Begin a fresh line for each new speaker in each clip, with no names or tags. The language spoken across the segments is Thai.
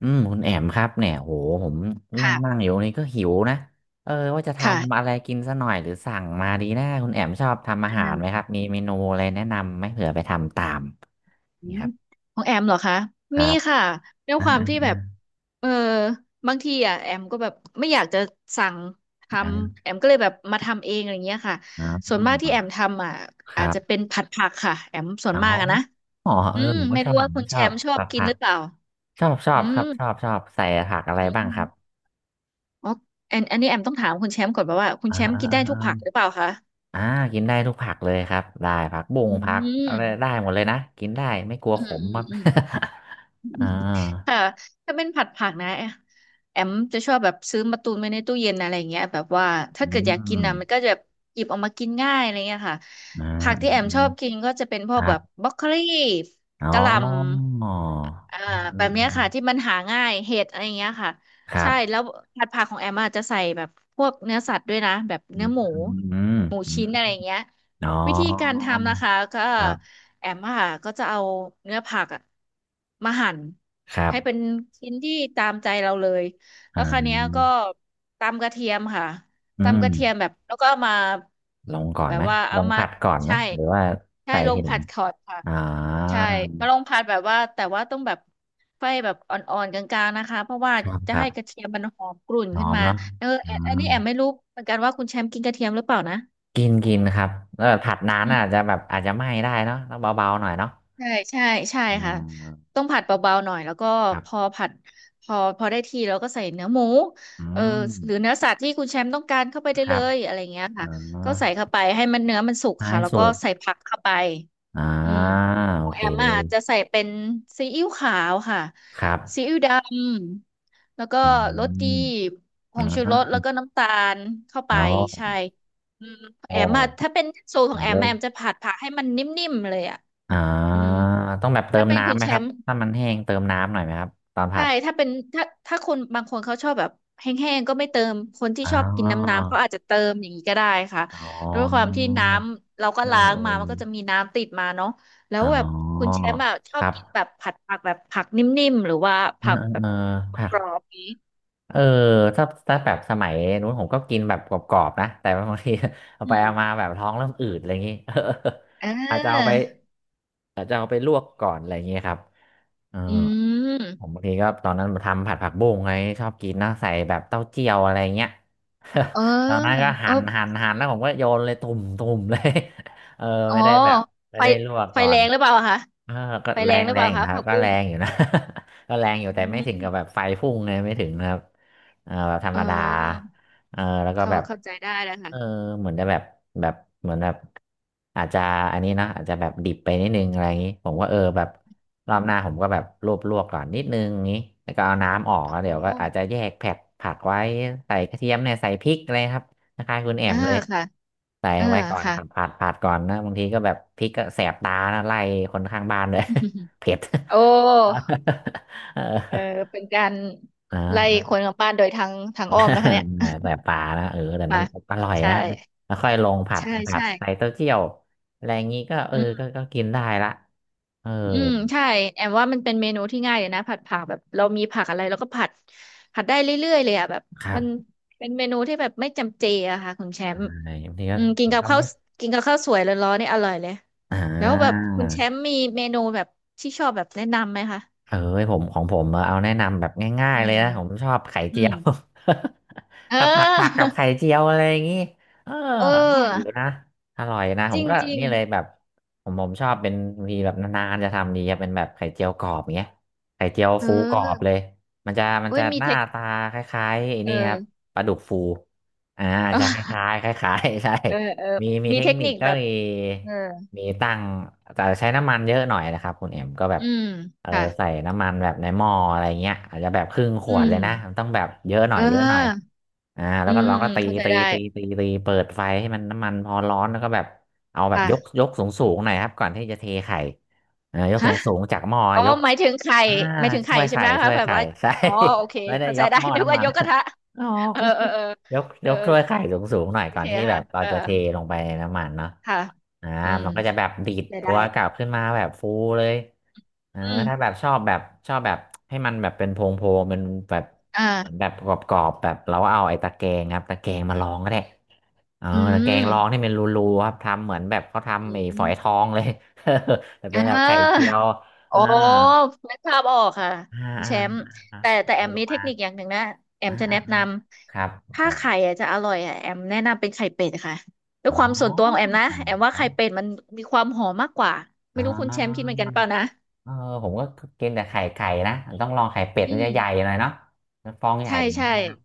อืมคุณแอมครับเนี่ยโหผมนั่ง
ค่ะ
นั่งอยู่นี่ก็หิวนะเออว่าจะ
ค่ะ
ทำอะไรกินซะหน่อยหรือสั่งมาดีนะคุณแอมชอบทำอาหา
อื
รไหมครับมีเมนูอะไรแนะนำไหมเผื่อไปทำตาม
อื
นี่
ม
ครับ
ของแอมเหรอคะ
ครั
มี
บ
ค่ะด้วย
อ่า
ความ
อ่า
ที่แบ
อ่า
บเออบางทีอ่ะแอมก็แบบไม่อยากจะสั่งทำ
อ่า
แอมก็เลยแบบมาทำเองอะไรเงี้ยค่ะ
อ่า
ส่วนมากที่แอมทำอ่ะ
ค
อา
รั
จจะเป็
บ
นผัดผักค่ะแอมส่ว
อ๋
น
อ
มากอะนะ
อ๋อเอ
อื
อ
ม
ผมก็
ไม่
ชอบ
รู้
ผ
ว่า
ม
คุณ
ช
แช
อบ
มป์ชอบ
ผัก
กิน
ผั
ห
ก
รือเปล่า
ชอบชอ
อื
บครับ
ม
ชอบชอบใส่ผักอะไร
อื
บ้างครับ
มอ๋ออันนี้แอมต้องถามคุณแชมป์ก่อน่าว่าคุณ
อ่า
แชมป์
อ่า
กินได้ทุ
อ่า
กผักหรือเปล่าคะ
อ่ากินได้ทุกผักเลยครับได้ผักบุ้ง
อื
ผักอะไร
ม
ได้หมดเลยนะกินได้ไม่กลัว
อื
ข
ม
ม
อื
ค
ม
รับ
อืม
อ่า
ค่ะถ้าเป็นผัดผักนะแอมจะชอบแบบซื้อมาตุนไว้ในตู้เย็นอะไรเงี้ยแบบว่าถ้า
อื
เกิดอยากกินนะมันก็
ม
จะหยิบออกมากินง่ายอะไรเงี้ยค่ะ
อ่า
ผัก
อื
ที่แอ
ม
ม
อื
ช
ม
อบกินก็จะเป็นพ
ค
วก
รั
แบ
บ
บบรอกโคลี
อ๋อ
กะหล่ำ อ่า
เออเอ
แบ
อ
บ
เอ
เนี้
อ
ย
เออ
ค่ะที่มันหาง่ายเห็ดอะไรอย่างเงี้ยค่ะ
ครั
ใช่แล้
บ
วผัดผักของแอมอาจจะใส่แบบพวกเนื้อสัตว์ด้วยนะแบบ
อื
เนื้
ม
อหมู
อืม
หมู
อืม
ชิ้นอะไรอย่างเงี้ย
อ๋อ
วิธีการทำนะคะก็
ครับ
แอมอะค่ะก็จะเอาเนื้อผักอะมาหั่น
ครั
ให้เป็น
บ
ชิ้นที่ตามใจเราเลย
อ่
แล้วคราวเนี้ยก็
า
ตำกระเทียมค่ะ
อื
ตำก
ม
ระเทียมแบบแล้วก็เอามา
ลงก่อน
แบ
ไห
บ
ม
ว่า
ล
เอา
ง
มา
ผัดก่อนไหม
ใช่
หรือว่า
ใช่
ใส่
ลง
ทีหลั
ผั
ง
ดขอดค่ะ
อ่า
ใช่มาลงผัดแบบว่าแต่ว่าต้องแบบไฟแบบอ่อนๆกลางๆนะคะเพราะว่า
ครับ
จะ
ครั
ให้กระ
บ
เทียมมันหอมกรุ่น
ห
ขึ้
อ
น
ม
มา
เนาะ
เออ
อื
อันอัน
ม
นี้แอมไม่รู้เหมือนกันว่าคุณแชมป์กินกระเทียมหรือเปล่านะ
กินกินครับแล้วแบบผัดนานอาจจะแบบอาจจะไหม้ได้เนาะต้องเบาๆหน่อยเนาะ
ใช่ใช่ใช่
อ่
ค่ะ
า
ต้องผัดเบาๆหน่อยแล้วก็
ครับ
พอผัดพอพอได้ที่แล้วก็ใส่เนื้อหมู
อื
เออ
ม
หรือเนื้อสัตว์ที่คุณแชมป์ต้องการเข้าไปได้
ครั
เล
บ
ยอะไรเงี้ย
อ๋อ
ค่ะก็ใส่เข้าไปให้มันเนื้อมันสุก
ท้า
ค่ะ
ย
แล้ว
สุ
ก็
ก
ใส่ผักเข้าไป
อ่า
อืม ข
โอ
องแอ
เค
มอ่ะจะใส่เป็นซีอิ๊วขาวค่ะ
ครั
ซี
บ
อิ๊วดำแล้วก็
อื
รสดี
ม
ผ
อ่
งชูรสแล้
า
วก็น้ำตาลเข้าไป
อ๋อ
ใช่ อืม
โอ้
แอมอ่ะถ้าเป็นสูตรของแอ
เล
มอะ
ย
แอมจะผัดผักให้มันนิ่มๆเลยอ่ะ
อ่
อื
า
ม
ต้องแบบเติ
ถ้า
ม
เป็นคุ
น้ำ
ณ
ไหม
แช
ครับ
มป์
ถ้ามันแห้งเติมน้ำหน่อยไหมครับตอนผั
ใช่
ด
ถ้าเป็นถ้าคนบางคนเขาชอบแบบแห้งๆก็ไม่เติม คนที่
อ๋
ชอบกิน
อ
น้ำๆ เขาอาจจะเติมอย่างนี้ก็ได้ค่ะ
อ๋อ
ด้วยความที่น้ำเราก็
เอ
ล้า
อ
ง
เอ
มา
อ
มันก็จะมีน้ำติดมาเนาะแล้
อ๋
ว
อ
แบบคุณแชมป์อะชอ
ค
บ
รับ
กินแบบผัดผักแบบผักนิ่มๆหรือว่า
เออ
ผัก
เออ
แบ
เอ
บ
อผัก
กรอบๆนี้
เออถ้าถ้าแบบสมัยนู้นผมก็กินแบบกรอบๆนะแต่บางที เอา
อื
ไป
ม
เอามาแบบท้องเริ่มอืดอะไรอย่างงี้ เออ
เ
อาจจะเอาไป
ออ
อาจจะเอาไปลวกก่อนอะไรอย่างงี้ครับเออ
อื
ผม
ม
บางทีก็ตอนนั้นทำผัดผักบุ้งไงชอบกินนะใส่แบบเต้าเจี้ยวอะไรเงี้ย
เออ
ตอนนั้นก็
เอ
หั่
อ
นหั่นหั่นแล้วผมก็โยนเลยตุ่มตุ่มเลย เออ
อ๋อ
ไม่ได้แบบไม่
ไฟ
ได้ลวก
ไฟ
ก่อ
แร
น
งหรือเปล่าคะ
เออก็
ไฟ
แร
แรง
ง
หรือ
แร
เปล่า
งอยู่
คะ
นะครั
ผั
บ
ก
ก็
บุ้
แร
ง
งอยู่นะ ก็แรงอยู่
อื
แต่ไม่ถึงกับ
ม
แบบไฟพุ่งเลยไม่ถึงนะครับเออแบบธร
เ
รมดา
ออ
เออแล้วก็
เขา
แบบ
เข้าใจได้แล้ว
เอ
ค่ะ
อเหมือนจะแบบแบบเหมือนแบบอาจจะอันนี้นะอาจจะแบบดิบไปนิดนึงอะไรอย่างนี้ผมก็เออแบบร
อื
อบหน้าผ
ม
มก็แบบลวกลวกก่อนนิดนึงอย่างนี้แล้วก็เอาน้ำออก
อ๋อ
แล้วเดี๋ยวก็อาจจะแยกแผกผักไว้ใส่กระเทียมเนี่ยใส่พริกอะไรครับ คล้ายๆคุณแอ
อ่า
มเลย
ค่ะ
ใส่
อ่า
ไว้ก่อน
ค่ะ
ผัดผัดผัดก่อนนะบางทีก็แบบพริกก็แสบตานะไล่คนข้างบ้านด้วย เผ็ด
โอ้
เออ
เออเป็นการ
อ่า
ไล่คนกลับบ้านโดยทางอ้อมนะคะเนี่ย
แต่ปลานะเออแต่ มั
มา
นอร่อย
ใช่
นะแล้วค่อยลงผัด
ใช่
ผัด
ใช่
ใส่เต้าเจี้ยวอะไรอย่างงี้ก็เอ
อื
อ
ม
ก็ก็กินได้ละเออ
อืมใช่แอมว่ามันเป็นเมนูที่ง่ายเลยนะผัดผักแบบเรามีผักอะไรเราก็ผัดผัดได้เรื่อยๆเลยอะแบบ
ครั
มั
บ
นเป็นเมนูที่แบบไม่จำเจอะค่ะคุณแชมป์
ใช่บางทีก็
อืมกินกับ
ทำ
ข้าว
ไม่
กินกับข้าวสวยร้อนๆนี่อร่อยเลย
อ่า
แล้วแบบคุณแชมป์มีเมนูแบบที่ชอบแบบแนะนำไหมคะ
เอ้ยผมของผมเอาแนะนำแบบง่าย
อื
ๆเลย
ม
นะผมชอบไข่
อื
เจีย
ม
ว
เอ
ขับผัดผักกับไข่
อ
เจียวอะไรอย่างงี้เออ
เอ
อร่อยอยู่
อ
นะอร่อยนะผ
จ
ม
ริง
ก็
จริง
นี่เลยแบบผมชอบเป็นบางทีแบบนานๆจะทำดีครับเป็นแบบไข่เจียวกรอบอย่างเงี้ยไข่เจียว
เอ
ฟูกรอบเล
อ
ยมันจะมัน
เว้
จะ
ยมี
ห
เท
น้า
ค
ตาคล้ายๆไอ้
เอ
นี่ครับ
อ
ปลาดุกฟูอ่า
เออ
จะคล้าย ๆคล้ายๆ ใช่
เออเออ
มี
มี
เทค
เทค
นิ
นิ
ค
ค
ก็
แบบ
มี
เออ
มีตั้งแต่ใช้น้ำมันเยอะหน่อยนะครับคุณเอ็มก็แบบ
อืม
เออ
ค่ะ
ใส่น้ำมันแบบในหม้ออะไรเงี้ยอาจจะแบบครึ่งข
อื
วดเล
ม
ยนะมันต้องแบบเยอะหน่
เ
อยเยอะหน่อย
ออ
อ่าแล้
อื
วก็
ม
เราก็
อืม
ตี
เข้าใจ
ตี
ได้
ตีตีตีเปิดไฟให้มันน้ำมันพอร้อนแล้วก็แบบเอาแบบยก
ค่ะ
ยกสูงสูงหน่อยครับก่อนที่จะเทไข่อ่ายกสู
ฮะ
งสูงจากหม้อ
อ๋อ
ยก
หมายถึงไข่
อ่า
หมายถึงไข่
ถ้วย
ใช่
ไข่
ไหม
ถ้
คะ
วย
แบบ
ไข่
ว่า
ใช่
อ๋อโอเค
ไม่ได้
เข้าใจ
ยก
ได้
หม้อ
นึก
น้ำ
ว่า
มัน
ยกกระทะ
อ๋อโอ
เออ
เค
เออเออ
ยก
เอ
ย
อ
กถ้วยไข่สูงสูงหน่อย
โอ
ก่อ
เค
นที่แบ
ค่ะ
บเรา
เออ
จะเทลงไปในน้ำมันเนาะ
ค่ะ
อ่า
อืม
มันก็จะแบบดีด
ได้
ตั
ได้
วกลับขึ้นมาแบบฟูเลย เออ
อื
ถ้าแบ
ม
บชอบแบบชอบแบบให้มันแบบเป็นโพงโพงเป็นแบบ
อ
เหมือนแบ
่า
บกรอบๆแบบเราก็เอาไอ้ตะแกรงครับตะแกรงมาลองก็ได้เออ
อื
ตะแกรงลองนี่
ม
เป็นรูๆครับทำเหมือนแบบเขา
อื
ทำไอ้
ม
ฝอยทองเลย แต่
อ่
เป็นแบบไข่เจี
า
ยว
โอ้
อ่า
นึกภาพออกค่ะ
อ่า
คุณ
อ่า
แชมป์
อ่า
แต่แอ
มี
ม
ล
มี
ง
เท
มา
คนิคอย่างหนึ่งนะแอม
อ่า
จะ
อ่า
แนะ
อ่า
น
ครับ
ำถ้าไข่อะจะอร่อยอะแอมแนะนำเป็นไข่เป็ดค่ะด้ว
อ๋
ย
อ
ความส่วนตัวของแอมนะแอมว่า
อ๋อ
ไข่เป็ดมันมีความหอมมากกว่า
อ๋
ไม่รู้คุณแชมป์คิด
อ
เหมือนกันเปล่านะ
เออผมก็กินแต่ไข่ไก่นะต้องลองไข่เป็ด
อื
มันจะ
ม
ใหญ่หน่อยเนาะมันฟองใหญ่
ใช่
หน่อย
ใช่
ใช่ไหมครับ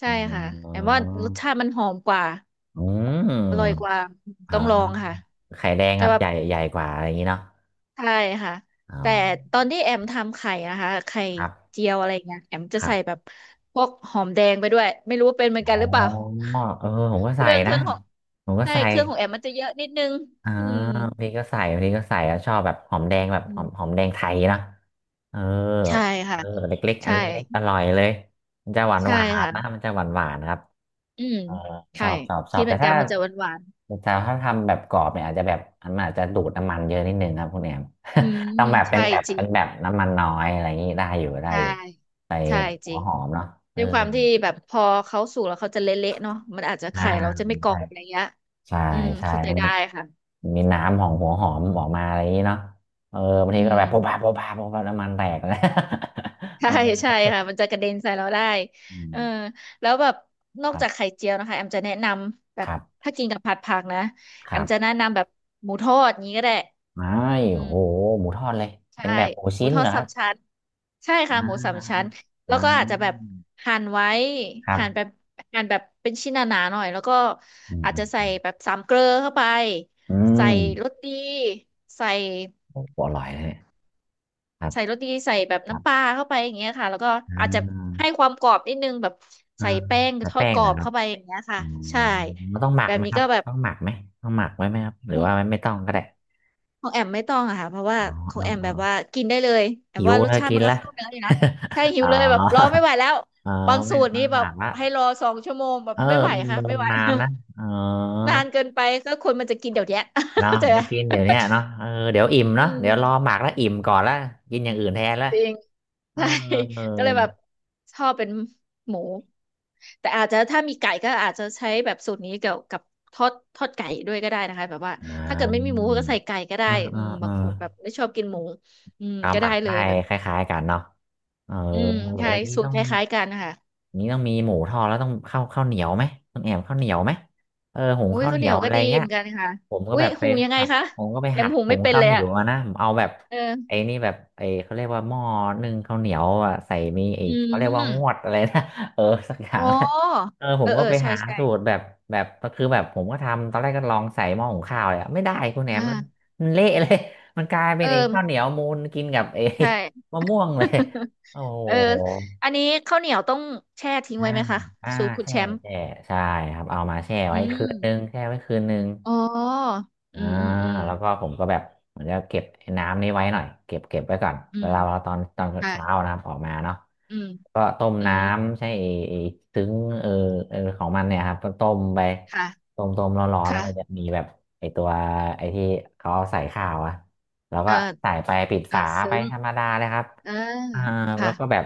ใช่
อ๋อ
ค่ะแอมว่ารสชาติมันหอมกว่า
อื
อร่อย
ม
กว่า
อ่
ต้องลอง
า
ค่ะ
ไข่แดง
แต่
ครับ
แบ
ให
บ
ญ่ใหญ่กว่าอะไรอย่างนี้เนาะ
ใช่ค่ะ
อ๋อ
แต่ตอนที่แอมทำไข่นะคะไข่
ครับ
เจียวอะไรเงี้ยแอมจะ
ครั
ใส่แบ
บ
บพวกหอมแดงไปด้วยไม่รู้ว่าเป็นเหมือนกัน
อ๋
หรือเปล่า
อเออผมก็
เค
ใส่
รื่องเค
นะ
รื่องของ
ผมก็
ใช่
ใส่
เครื่องของแอมมันจะเยอะนิดนึง
อ่า
อืม
บางทีก็ใส่บางทีก็ใส่แล้วชอบแบบหอมแดงแบบ
อื
หอ
ม
มหอมแดงไทยนะเออ
ใช่
เอ
ค่ะ
อเล็กๆอัน
ใช่
เล็กๆอร่อยเลยมันจะหวาน
ใช่
หวาน
ค่ะ
นะมันจะหวานหวานครับ
อืม
เออช
ใช่
อบชอบชอ
คิ
บ
ดเห
แต่
มือนกั
ถ้า
นมันจะหวานหวาน
แต่ถ้าทำแบบกรอบเนี่ยอาจจะแบบมันอาจจะดูดน้ำมันเยอะนิดนึงนะับคุณแอม
อืม
ต้องแบบเป็น
ใช่จริง
แบบน้ำมันน้อยอะไรอย่างนี้ได้อยู่ได้
ใช่
อยู่ไป
ใช่จ
หัว
ริง
หอมเนาะเออ
ด้วยความที่แบบพอเขาสุกแล้วเขาจะเละๆเนาะมันอาจจะ
อ่า
ไข่เราจะไม่กรอ
ใช่
บอะไรเงี้ย
ใช่
อืม
ใช่
เข้าใจได้ค่ะ
มันมี
อื
น้ำข
ม
องหัวหอมออกมาอะไรอย่างนี้เนาะเออบาง
อื
ทีก็
ม
แบบโป๊ะปะน้ำมันแตกนะ
ใช่
เออ
ใช่ค่ะมันจะกระเด็นใส่เราได้
อื
เออ
ม
แล้วแบบนอ
ค
ก
รั
จาก
บ
ไข่เจียวนะคะแอมจะแนะนำแบ
ค
บ
รับ
ถ้ากินกับผัดผักนะ
ค
แอ
รั
ม
บ
จะแนะนำแบบหมูทอดอย่างนี้ก็ได้
อ้าย
อื
โอ้
ม
โหหมูทอดเลย
ใช่
เป็นแบบหมู
หมู
ชิ้น
ทอ
เหร
ด
อค
สา
รั
ม
บ
ชั้นใช่
อ่
ค่ะหมูสามชั้
า
น
อ่
แล้วก็อาจจะแบบ
า
หั่นไว้
ครั
หั่นแบ
บ
บหั่นแบบเป็นชิ้นหนาๆหน่อยแล้วก็
อืม
อาจ
อื
จะ
ม
ใส่
อืม
แบบสามเกลอเข้าไป
อื
ใส่
ม
รสดีใส่
โอ้โหอร่อยเลยครับ
ใส่รสดีใส่แบบ
ครั
น้ำปลา
บ
เข้าไปอย่างเงี้ยค่ะแล้วก็
อ่
อาจจะ
า
ให้ความกรอบนิดนึงแบบ
อ่า
ใส่แป้ง
แต่
ทอด
แป้ง
กรอ
นะ
บ
ครับ
เข้าไปอย่างเงี้ยค่ะ
อ๋อ
ใช่
มันต้องหมั
แบ
ก
บ
ไหม
นี้
ครั
ก็
บ
แบบ
ต้องหมักไหมต้องหมักไว้ไหมครับหรื
ข
อ
อง
ว่าไม่มต้องก็ได้
ของแอมไม่ต้องอะค่ะเพราะว่า
อ๋อ
ขอ
อ๋
ง
อ
แอม
อ๋อ
แบบว่ากินได้เลยแอม
หิว
ว่ารส
แล้ว
ชาติ
กิ
มั
น
นก็
ละ
เข้าเนื้ออยู่นะใช่ หิ
อ๋
ว
อ
เลยแบบรอไม่ไหวแล้ว
เออ
บางสู
ไม่
ตร
ต้อ
นี่
งห
แบ
มั
บ
กละ
ให้รอ2 ชั่วโมงแบบ
เออ
ไม่ไหวค่ะไม่ไหว
นานนะเออ
นานเกินไปก็คนมันจะกินเดี๋ยวเนี้ย
เรา
เข้าใจไหม
ได้กินเดี๋ยวเนี้ยเนาะเออเดี๋ยวอิ่ม
อื
เนาะเดี๋ยวรอ
ม
หมักแล้วอิ่มก่อนแล้วกินอย่างอื่นแทนแล้ว
จริง
เออ
ใช่ ก็เลยแบบชอบเป็นหมูแต่อาจจะถ้ามีไก่ก็อาจจะใช้แบบสูตรนี้เกี่ยวกับทอดไก่ด้วยก็ได้นะคะแบบว่า
อ่
ถ้าเกิดไม่มีห
า
มูก็ใส่ไก่ก็ได้
อ่า
อื
อ่า
มบา
อ่า
งคนแบบไม่ชอบกินหมูอืม
เอา
ก็
หมั
ได้
ก
เล
ได้
ยแบบ
คล้ายๆกันเนาะเออ
อืมใช่
แล้วนี้
สูต
ต้อ
ร
ง
คล้ายๆกันนะคะ
นี้ต้องมีหมูทอดแล้วต้องเข้าวข้าวเหนียวไหมต้องแอบข้าวเหนียวไหมเออหุง
อุ้ย
ข้าว
ข้า
เห
วเห
นี
นี
ย
ย
ว
ว
อะ
ก็
ไร
ดี
เงี้
เห
ย
มือนกันค่ะ
ผมก็
อุ้
แบ
ย
บไป
หุงยังไง
หัด
คะ
ผมก็ไป
แอ
หั
ม
ด
หุง
หุ
ไม่
ง
เป็น
ข้า
เล
วเห
ย
นีย
อะ
วมานะผมเอาแบบไอ้
เออ
นี่แบบไอ้เขาเรียกว่าหม้อนึ่งข้าวเหนียวอ่ะใส่มีไอ้
อื
เขาเรียก
ม
ว่างวดอะไรนะ เออสักอย่า
อ๋
ง
อ
นะเออผ
เอ
ม
อ
ก็
เออ
ไป
ใช่
หา
ใช่
สูตรแบบแบบก็คือแบบผมก็ทำตอนแรกก็ลองใส่หม้อหุงข้าวเลยอะไม่ได้คุณแหนมมัน
อ่า
มันเละเลย มันกลายเป็
เอ
นไอ้
อ
ข้าวเหนียวมูนกินกับไอ้
ใช่
มะม่วงเลย โอ้โ
เออ
ห
อันนี้ข้าวเหนียวต้องแช่ทิ้ง
อ่า
ไว้ไหมคะ
อ่า
สูตรคุณ
แช่
แชมป์
แช่ใช่ครับเอามาแช่
อื
ไว้คื
ม
นนึงแช่ไว้คืนนึง
อ๋ออื
อ่า
มอืมอืม
แล้วก็ผมก็แบบเหมือนจะเก็บไอ้น้ำนี้ไว้หน่อยเก็บไว้ก่อน
อื
เว
ม
ลาเราตอนตอน
ค่ะ
เช้านะครับออกมาเนาะ
อืม
ก็ต้ม
อื
น้
ม
ำใช่ไอ้ซึ้งเออเออของมันเนี่ยครับก็ต้มไป
ค่ะ
ต้มร้อนๆแล้ว
ค่ะ
ก็จะมีแบบไอ้ตัวไอ้ที่เขาเอาใส่ข้าวอะแล้ว
เอ
ก็
อ
ใส่ไปปิด
เออ
ฝา
ซึ้
ไป
ง
ธรรมดาเลยครับ
เออ
อ่าแล้
ค่ะ
วก็แบบ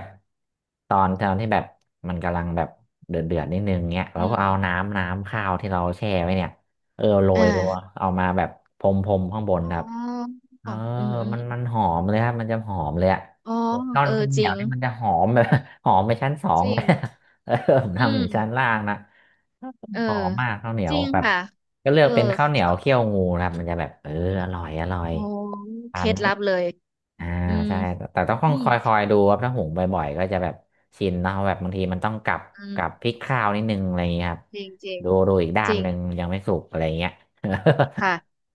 ตอนตอนที่แบบมันกำลังแบบเดือดนิดนึงเงี้ยเรา
อื
ก็
ม
เอาน้ำน้ำข้าวที่เราแช่ไว้เนี่ย เออโร
อ
ยตัว
่า
เอามาแบบพรมข้างบน
อ๋
ครับ
อ
เออ
อืมอืม
มันมันหอมเลยครับมันจะหอมเลยอะ
อ๋อ
ข้าวข้า
เออ
วเห
จ
นี
ริ
ยว
ง
นี่มันจะหอมแบบ หอมไปชั้นสอ
จ
ง
ริ
เล
ง
ยอะเออผม
อื
ทำอยู่ชั้น
ม
ล่างนะ
เออ
หอมมากข้าวเหนีย
จ
ว
ริง
แบบ
ค่ะ
ก็เลื
เอ
อก
อ
เป็นข้าวเหนียวเคี่ยวงูนะครับมันจะแบบเอออร่อย
โอ้เค
ทา
ล็
น
ดลับเลย
อ่า
อืม
ใช่แต่ต้อง
อื
ค
ม
อยคอยดูครับถ้าหุงบ่อยๆก็จะแบบชินเนาะแบบบางทีมันต้องกลับ
อืม
กลับพลิกข้าวนิดนึงอะไรอย่างเงี้ยครับ
จริงจริง
ดูอีกด้า
จ
น
ริ
ห
ง
นึ่งยังไม่สุกอะไรอย่างเงี้ย
ค่ะ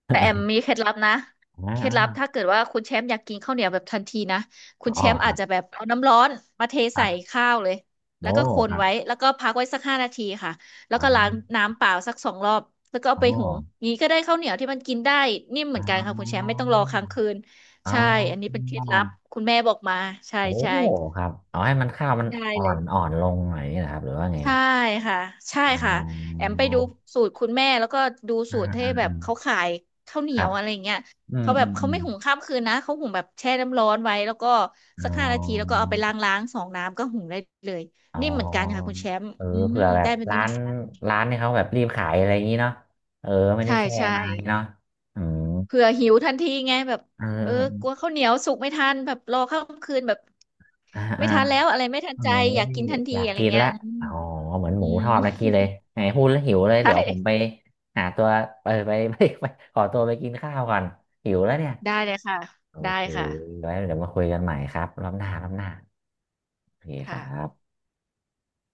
แต่แอมมีเคล็ดลับนะ
อ่า
เคล็ดลับถ้าเกิดว่าคุณแชมป์อยากกินข้าวเหนียวแบบทันทีนะคุณ
อ๋
แช
อ
มป์
ค
อา
รั
จจะ
บ
แบบเอาน้ำร้อนมาเท
ครั
ใส่
บ
ข้าวเลยแล้
โอ้
วก็ค
ค
น
รับ
ไว้แล้วก็พักไว้สักห้านาทีค่ะแล้ว
อ๋อ
ก็ล้างน้ำเปล่าสัก2 รอบแล้วก็เอา
อ๋อ
ไปหุงงี้ก็ได้ข้าวเหนียวที่มันกินได้นิ่มเห
อ๋
มือนกันค่ะคุณแชมป์
อ
ไม่ต้องรอค้างคืน
อ๋อ
ใช่อันนี้เป็นเคล็ดลับคุณแม่บอกมาใช่
โอ้
ใช่
ครับเอาให้มันข้าวมัน
ได้
อ่อ
เล
น
ย
อ่อนลงหน่อยนี่นะครับหรือว่าไง
ใช่ค่ะใช่
อ๋
ค่ะแอ
อ
มไปดูสูตรคุณแม่แล้วก็ดู
อ่า
สูตรที่
อ่า
แบ
อ่า
บเขาขายข้าวเหนี
ค
ย
รั
ว
บ
อะไรเงี้ย
อืม
เขาแบ
อื
บ
ม
เขา
อืม
ไม่หุงข้ามคืนนะเขาหุงแบบแช่น้ำร้อนไว้แล้วก็
อ๋
สักห้านาทีแล้วก็เอาไป
อ
ล้างสองน้ำก็หุงได้เลย
อ๋อ
นี่มเหมือนกันค่ะคุณแชมป์
เออ
อืม
เผื่อแบ
ได้
บ
แบบนี้
ร้า
เหมื
น
อนกัน
ร้านที่เขาแบบรีบขายอะไรอย่างนี้เนาะเออไม่ได้
ใช่
แช่
ใช่
มาเนาะอืม
เผื่อหิวทันทีไงแบบ
เ
เออกลัว
ออ
ข้าวเหนียวสุกไม่ทันแบบรอข้ามคืนแบบ
อ่า
ไม่
อ่า
ทันแล้วอะไรไม่ทัน
เออ
ใจอยากกินทันที
อยาก
อะไร
กิน
เงี้ย
ละ
อืม
อ๋อเหมือนห
อื
มู
ม
ทอดเมื่อกี้เลยไหนพูดแล้วหิวเลย
ใ
เดี๋ยวผมไป
ช่
หาตัวเออไป ไปขอตัวไปกินข้าวก่อนหิวแล้วเนี่ย
ได้เลยค่ะ
โอ
ได้
เค
ค่ะ
ไว้เดี๋ยวมาคุยกันใหม่ครับรอบหน้าโอเคค
ค่ะ
รับ